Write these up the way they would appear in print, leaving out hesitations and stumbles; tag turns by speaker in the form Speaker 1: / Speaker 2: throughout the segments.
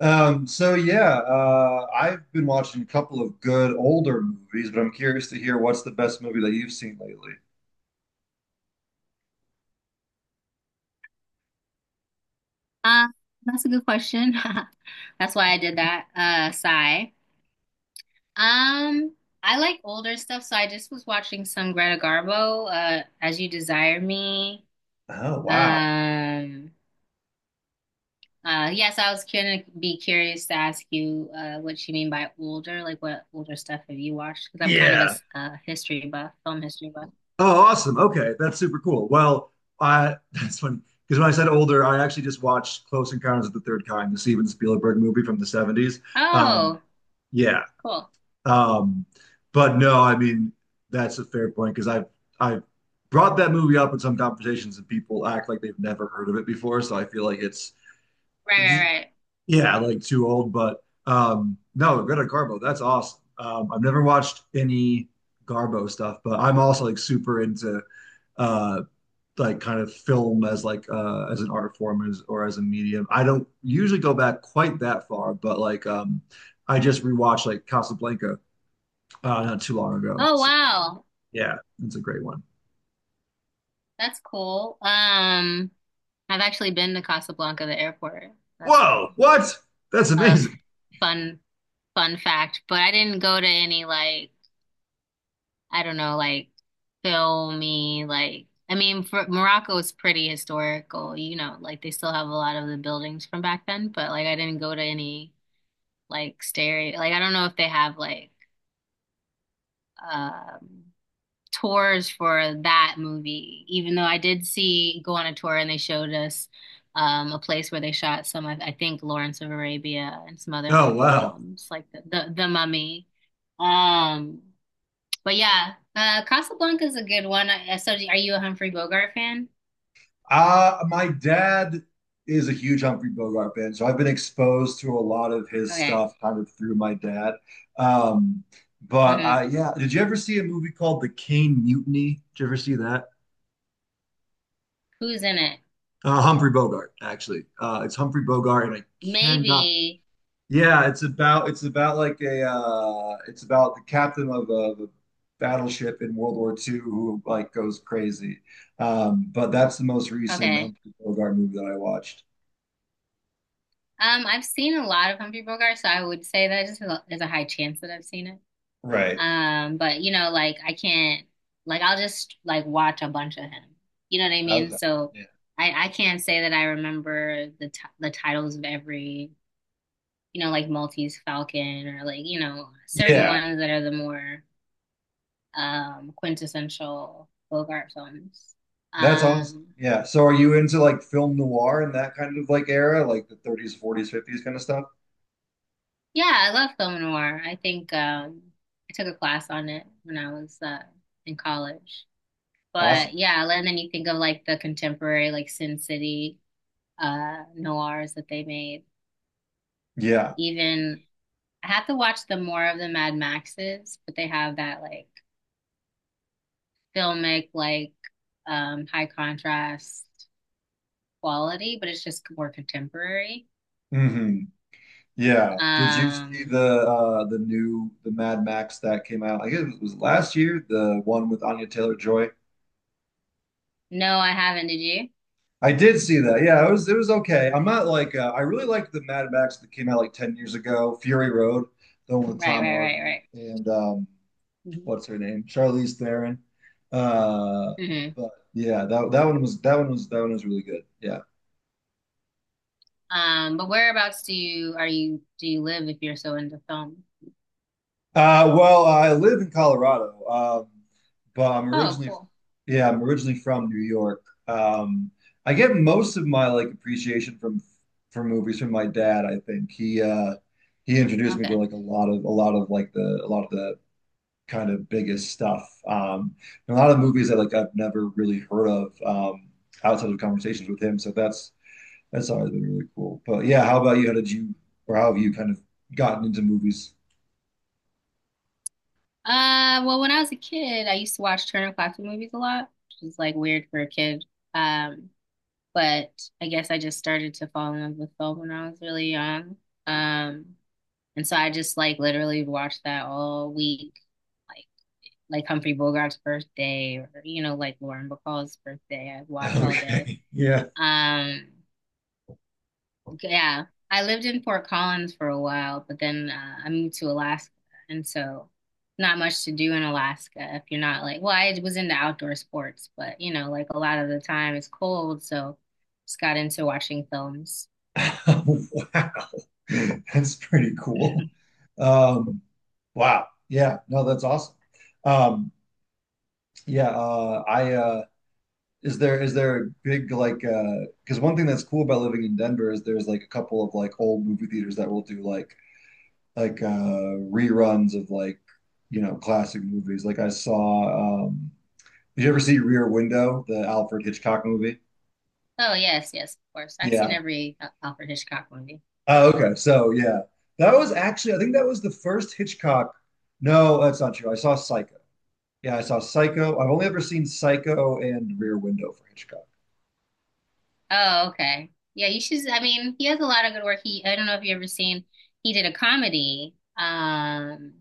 Speaker 1: So yeah, I've been watching a couple of good older movies, but I'm curious to hear what's the best movie that you've seen lately.
Speaker 2: Uh, that's a good question. That's why I did that. Sigh. Um, I like older stuff, so I just was watching some Greta Garbo, As You Desire Me.
Speaker 1: Oh, wow.
Speaker 2: Um, yes, I was gonna be curious to ask you, what you mean by older. Like, what older stuff have you watched? Because I'm kind of a,
Speaker 1: Yeah.
Speaker 2: history buff, film history buff.
Speaker 1: Oh, awesome. Okay, that's super cool. Well, I that's funny because when I said older, I actually just watched Close Encounters of the Third Kind, the Steven Spielberg movie from the 70s. Um,
Speaker 2: Oh,
Speaker 1: yeah.
Speaker 2: cool.
Speaker 1: Um, but no, I mean that's a fair point because I've brought that movie up in some conversations and people act like they've never heard of it before. So I feel like it's...
Speaker 2: Right, right, right.
Speaker 1: Yeah, like too old, but no, Greta Garbo, that's awesome. I've never watched any Garbo stuff, but I'm also like super into uh, like kind of film as like as an art form as, or as a medium. I don't usually go back quite that far, but like I just rewatched like Casablanca not too long ago.
Speaker 2: Oh,
Speaker 1: So
Speaker 2: wow.
Speaker 1: yeah, it's a great one.
Speaker 2: That's cool. I've actually been to Casablanca, the airport. That's a
Speaker 1: Whoa, what? That's
Speaker 2: a
Speaker 1: amazing.
Speaker 2: fun fun fact. But I didn't go to any, like, I don't know, like, filmy, like, I mean for, Morocco is pretty historical, you know, like they still have a lot of the buildings from back then. But like I didn't go to any like stereo, like, I don't know if they have like um tours for that movie, even though I did see go on a tour and they showed us a place where they shot some, I think, Lawrence of Arabia and some other
Speaker 1: Oh,
Speaker 2: Hollywood
Speaker 1: wow.
Speaker 2: films like the Mummy. Um, but yeah, Casablanca is a good one. I, so, are you a Humphrey Bogart fan?
Speaker 1: My dad is a huge Humphrey Bogart fan, so I've been exposed to a lot of his
Speaker 2: Okay.
Speaker 1: stuff kind of through my dad. Um, but
Speaker 2: Hmm.
Speaker 1: yeah, did you ever see a movie called The Caine Mutiny? Did you ever see that?
Speaker 2: Who's in it?
Speaker 1: Humphrey Bogart, actually. It's Humphrey Bogart, and I cannot.
Speaker 2: Maybe.
Speaker 1: Yeah, it's about like a it's about the captain of of a battleship in World War II who like goes crazy. But that's the most recent
Speaker 2: Okay.
Speaker 1: Humphrey Bogart movie that I watched.
Speaker 2: I've seen a lot of Humphrey Bogart, so I would say that just there's a high chance that I've seen it.
Speaker 1: Right.
Speaker 2: But you know, like I can't, like, I'll just like watch a bunch of him. You know what I mean?
Speaker 1: Thousand.
Speaker 2: So
Speaker 1: Yeah.
Speaker 2: I can't say that I remember the titles of every, you know, like Maltese Falcon or, like, you know, certain
Speaker 1: Yeah.
Speaker 2: ones that are the more quintessential Bogart films.
Speaker 1: That's awesome.
Speaker 2: Um
Speaker 1: Yeah. So are you into like film noir and that kind of like era, like the 30s, 40s, 50s kind of stuff?
Speaker 2: yeah, I love film noir. I think I took a class on it when I was in college. But
Speaker 1: Awesome.
Speaker 2: yeah, and then you think of like the contemporary like Sin City noirs that they made.
Speaker 1: Yeah.
Speaker 2: Even I have to watch the more of the Mad Maxes, but they have that like filmic, like high contrast quality, but it's just more contemporary.
Speaker 1: Hmm. Yeah. Did you see
Speaker 2: Um
Speaker 1: the new the Mad Max that came out? I guess it was last year, the one with Anya Taylor-Joy.
Speaker 2: no, I haven't, did you?
Speaker 1: I did see that. Yeah, it was okay. I'm not like I really liked the Mad Max that came out like 10 years ago, Fury Road, the one with
Speaker 2: Right,
Speaker 1: Tom
Speaker 2: right,
Speaker 1: Hardy
Speaker 2: right,
Speaker 1: and
Speaker 2: right.
Speaker 1: what's her name, Charlize Theron. Uh,
Speaker 2: Hmm.
Speaker 1: but yeah, that one was really good. Yeah.
Speaker 2: But whereabouts do you live if you're so into film?
Speaker 1: Well, I live in Colorado, but
Speaker 2: Oh, cool.
Speaker 1: yeah, I'm originally from New York. Um, I get most of my like appreciation from for movies from my dad. I think he introduced me to
Speaker 2: Okay.
Speaker 1: like a lot of the kind of biggest stuff. And a lot of movies that like I've never really heard of outside of conversations with him. So that's always been really cool. But yeah, how about you? How did you, or how have you kind of gotten into movies?
Speaker 2: Well, when I was a kid, I used to watch Turner Classic movies a lot, which is like weird for a kid. Um, but I guess I just started to fall in love with film when I was really young. Um, and so I just like literally watched that all week, like like Humphrey Bogart's birthday or, you know, like Lauren Bacall's birthday. I watch all day.
Speaker 1: Okay, yeah,
Speaker 2: Um, yeah, I lived in Fort Collins for a while, but then I moved to Alaska, and so not much to do in Alaska if you're not like. Well, I was into outdoor sports, but you know like a lot of the time it's cold, so just got into watching films.
Speaker 1: wow, that's pretty cool. Um, wow, yeah, no, that's awesome. Um, yeah, I is there a big like because one thing that's cool about living in Denver is there's like a couple of like old movie theaters that will do like reruns of like classic movies. Like I saw did you ever see Rear Window, the Alfred Hitchcock movie?
Speaker 2: Oh yes, yes, of course. I've
Speaker 1: Yeah.
Speaker 2: seen every Alfred Hitchcock movie.
Speaker 1: Oh, okay. So yeah, that was actually I think that was the first Hitchcock. No, that's not true. I saw Psycho. Yeah, I saw Psycho. I've only ever seen Psycho and Rear Window for Hitchcock.
Speaker 2: Oh, okay. Yeah, you should. I mean, he has a lot of good work. He, I don't know if you ever seen. He did a comedy.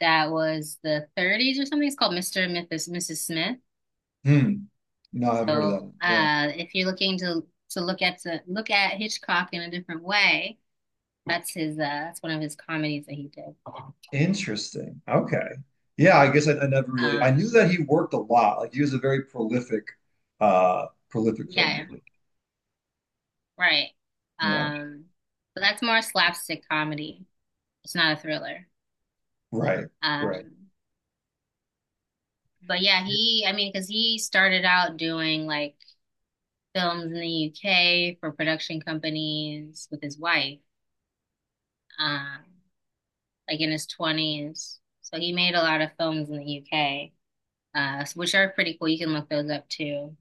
Speaker 2: That was the 30s or something. It's called Mr. and Mrs. Smith.
Speaker 1: Hmm. No, I haven't heard of that
Speaker 2: So,
Speaker 1: one. Yeah.
Speaker 2: if you're looking to to look at Hitchcock in a different way, that's his. That's one of his comedies that he did.
Speaker 1: Interesting. Okay. Yeah, I guess I never really... I knew
Speaker 2: Um,
Speaker 1: that he worked a lot. Like he was a very prolific
Speaker 2: yeah,
Speaker 1: filmmaker.
Speaker 2: right.
Speaker 1: Yeah.
Speaker 2: Um, but that's more slapstick comedy. It's not a thriller.
Speaker 1: Right. Right.
Speaker 2: Um, but yeah,
Speaker 1: Yeah.
Speaker 2: he, I mean, because he started out doing like films in the UK for production companies with his wife, um, like in his 20s. So he made a lot of films in the UK, which are pretty cool. You can look those up too.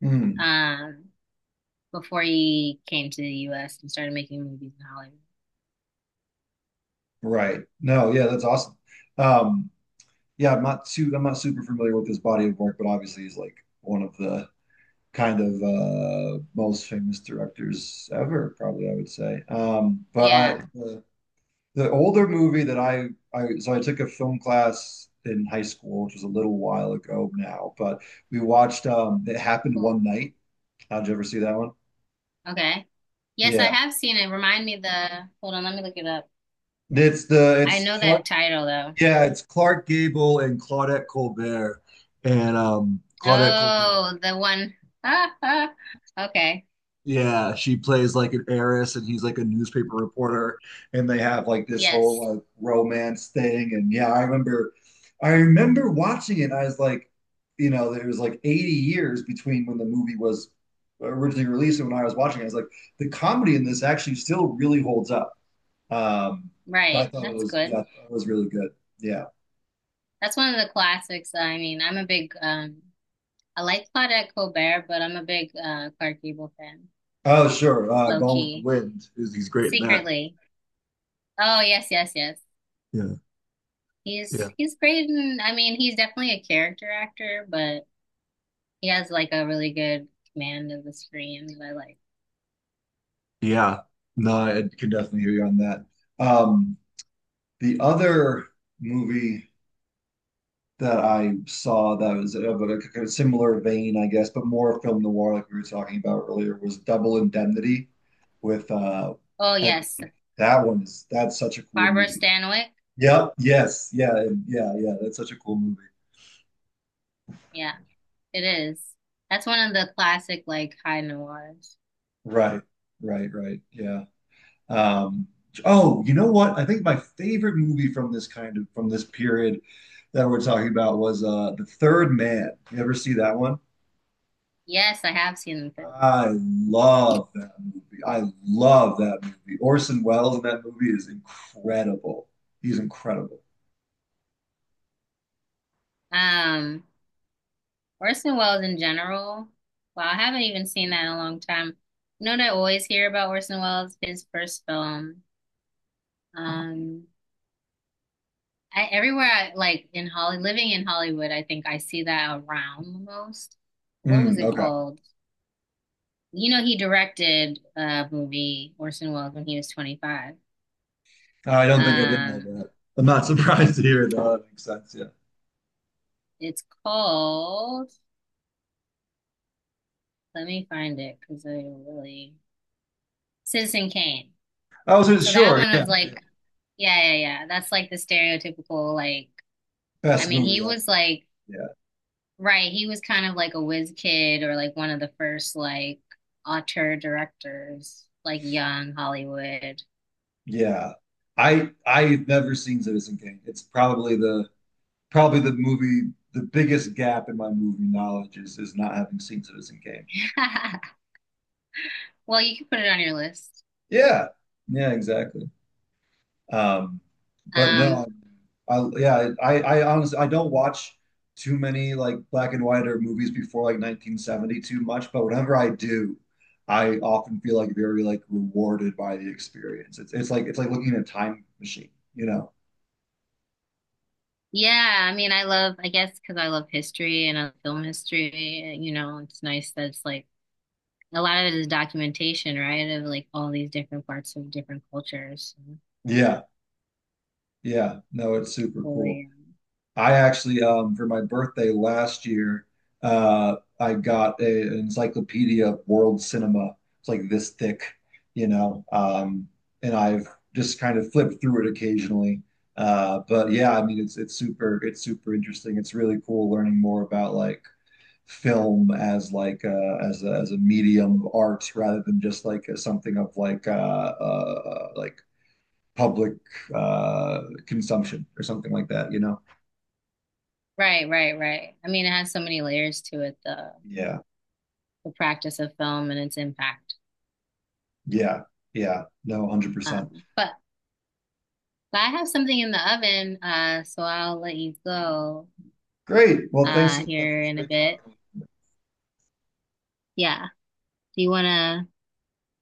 Speaker 1: Hmm.
Speaker 2: Um, before he came to the US and started making movies in Hollywood.
Speaker 1: Right. No, yeah, that's awesome. Um, yeah, I'm not super familiar with his body of work, but obviously he's like one of the kind of most famous directors ever, probably I would say. But I
Speaker 2: Yeah,
Speaker 1: the, the older movie that I so I took a film class in high school, which was a little while ago now, but we watched It Happened One
Speaker 2: cool.
Speaker 1: Night. Did you ever see that one?
Speaker 2: Okay. Yes, I
Speaker 1: Yeah.
Speaker 2: have seen it. Remind me the, hold on, let me look it up. I
Speaker 1: It's
Speaker 2: know
Speaker 1: Clark...
Speaker 2: that title though.
Speaker 1: yeah, it's Clark Gable and Claudette Colbert. And Claudette Colbert...
Speaker 2: Oh, the one. Ah, ah. Okay.
Speaker 1: yeah, she plays like an heiress and he's like a newspaper reporter and they have like this
Speaker 2: Yes.
Speaker 1: whole like romance thing and yeah, I remember watching it and I was like, you know, there was like 80 years between when the movie was originally released and when I was watching it. I was like, the comedy in this actually still really holds up. Um, I
Speaker 2: Right.
Speaker 1: thought it
Speaker 2: That's
Speaker 1: was yeah, I
Speaker 2: good.
Speaker 1: thought it was really good. Yeah.
Speaker 2: That's one of the classics. I mean, I'm a big I like Claudette Colbert, but I'm a big Clark Gable fan.
Speaker 1: Oh, sure.
Speaker 2: Low
Speaker 1: Gone with the
Speaker 2: key.
Speaker 1: Wind, is he's great in that.
Speaker 2: Secretly. Oh, yes, yes, yes.
Speaker 1: Yeah.
Speaker 2: He's
Speaker 1: Yeah.
Speaker 2: he's great and I mean, he's definitely a character actor, but he has like a really good command of the screen that I like.
Speaker 1: Yeah. No, I can definitely hear you on that. Um, The other movie that I saw that was of a kind of similar vein, I guess, but more film noir, like we were talking about earlier, was Double Indemnity with
Speaker 2: Oh,
Speaker 1: Ed-
Speaker 2: yes.
Speaker 1: that one is... that's such a cool
Speaker 2: Barbara
Speaker 1: movie.
Speaker 2: Stanwyck.
Speaker 1: Yep, yes, yeah, and- yeah, yeah, that's such a cool movie.
Speaker 2: Yeah, it is. That's one of the classic like high noirs.
Speaker 1: Right, right, right. Yeah. Um, oh, you know what? I think my favorite movie from this period that we're talking about was The Third Man. You ever see that one?
Speaker 2: Yes, I have seen the third one.
Speaker 1: I love that movie. I love that movie. Orson Welles in that movie is incredible. He's incredible.
Speaker 2: Um, Orson Welles in general. Well, I haven't even seen that in a long time. You know what I always hear about Orson Welles? His first film. Um, I, everywhere I like in Holly, living in Hollywood, I think I see that around the most. What was
Speaker 1: Mm,
Speaker 2: it
Speaker 1: okay.
Speaker 2: called? You know, he directed a movie, Orson Welles, when he was 25.
Speaker 1: I don't think I did know
Speaker 2: Um,
Speaker 1: that. I'm not surprised to hear it, though. That makes sense. Yeah.
Speaker 2: it's called, let me find it because I really, Citizen Kane.
Speaker 1: I was
Speaker 2: So that
Speaker 1: sure.
Speaker 2: one
Speaker 1: Yeah,
Speaker 2: was
Speaker 1: yeah.
Speaker 2: like Yeah, yeah, yeah. That's like the stereotypical, like, I
Speaker 1: Best
Speaker 2: mean, he
Speaker 1: movie ever.
Speaker 2: was like,
Speaker 1: Yeah.
Speaker 2: right, he was kind of like a whiz kid or like one of the first like auteur directors, like young Hollywood.
Speaker 1: Yeah. I've never seen Citizen Kane. It's probably the movie... the biggest gap in my movie knowledge is not having seen Citizen Kane.
Speaker 2: Well, you can put it on your list.
Speaker 1: Yeah. Yeah, exactly. Um, but no,
Speaker 2: Um,
Speaker 1: yeah, I honestly I don't watch too many like black and white or movies before like 1970 too much, but whenever I do, I often feel like very like rewarded by the experience. It's like it's like looking at a time machine, you know?
Speaker 2: yeah, I mean, I love, I guess, because I love history and I love film history, you know, it's nice that it's like a lot of it is documentation, right, of like all these different parts of different cultures.
Speaker 1: Yeah, yeah. No, it's super
Speaker 2: So,
Speaker 1: cool.
Speaker 2: really,
Speaker 1: I actually, for my birthday last year, I got an encyclopedia of world cinema. It's like this thick, you know, and I've just kind of flipped through it occasionally. But yeah, I mean, it's super interesting. It's really cool learning more about like film as like as as a medium of art rather than just like as something of like public consumption or something like that, you know?
Speaker 2: right, right, right. I mean, it has so many layers to it, though.
Speaker 1: Yeah.
Speaker 2: The practice of film and its impact.
Speaker 1: Yeah. Yeah. No, 100%.
Speaker 2: Um, but, but I have something in the oven, so I'll let you go
Speaker 1: Great. Well, thanks so much. It
Speaker 2: here
Speaker 1: was
Speaker 2: in a
Speaker 1: great
Speaker 2: bit.
Speaker 1: talking with you.
Speaker 2: Yeah. Do you want to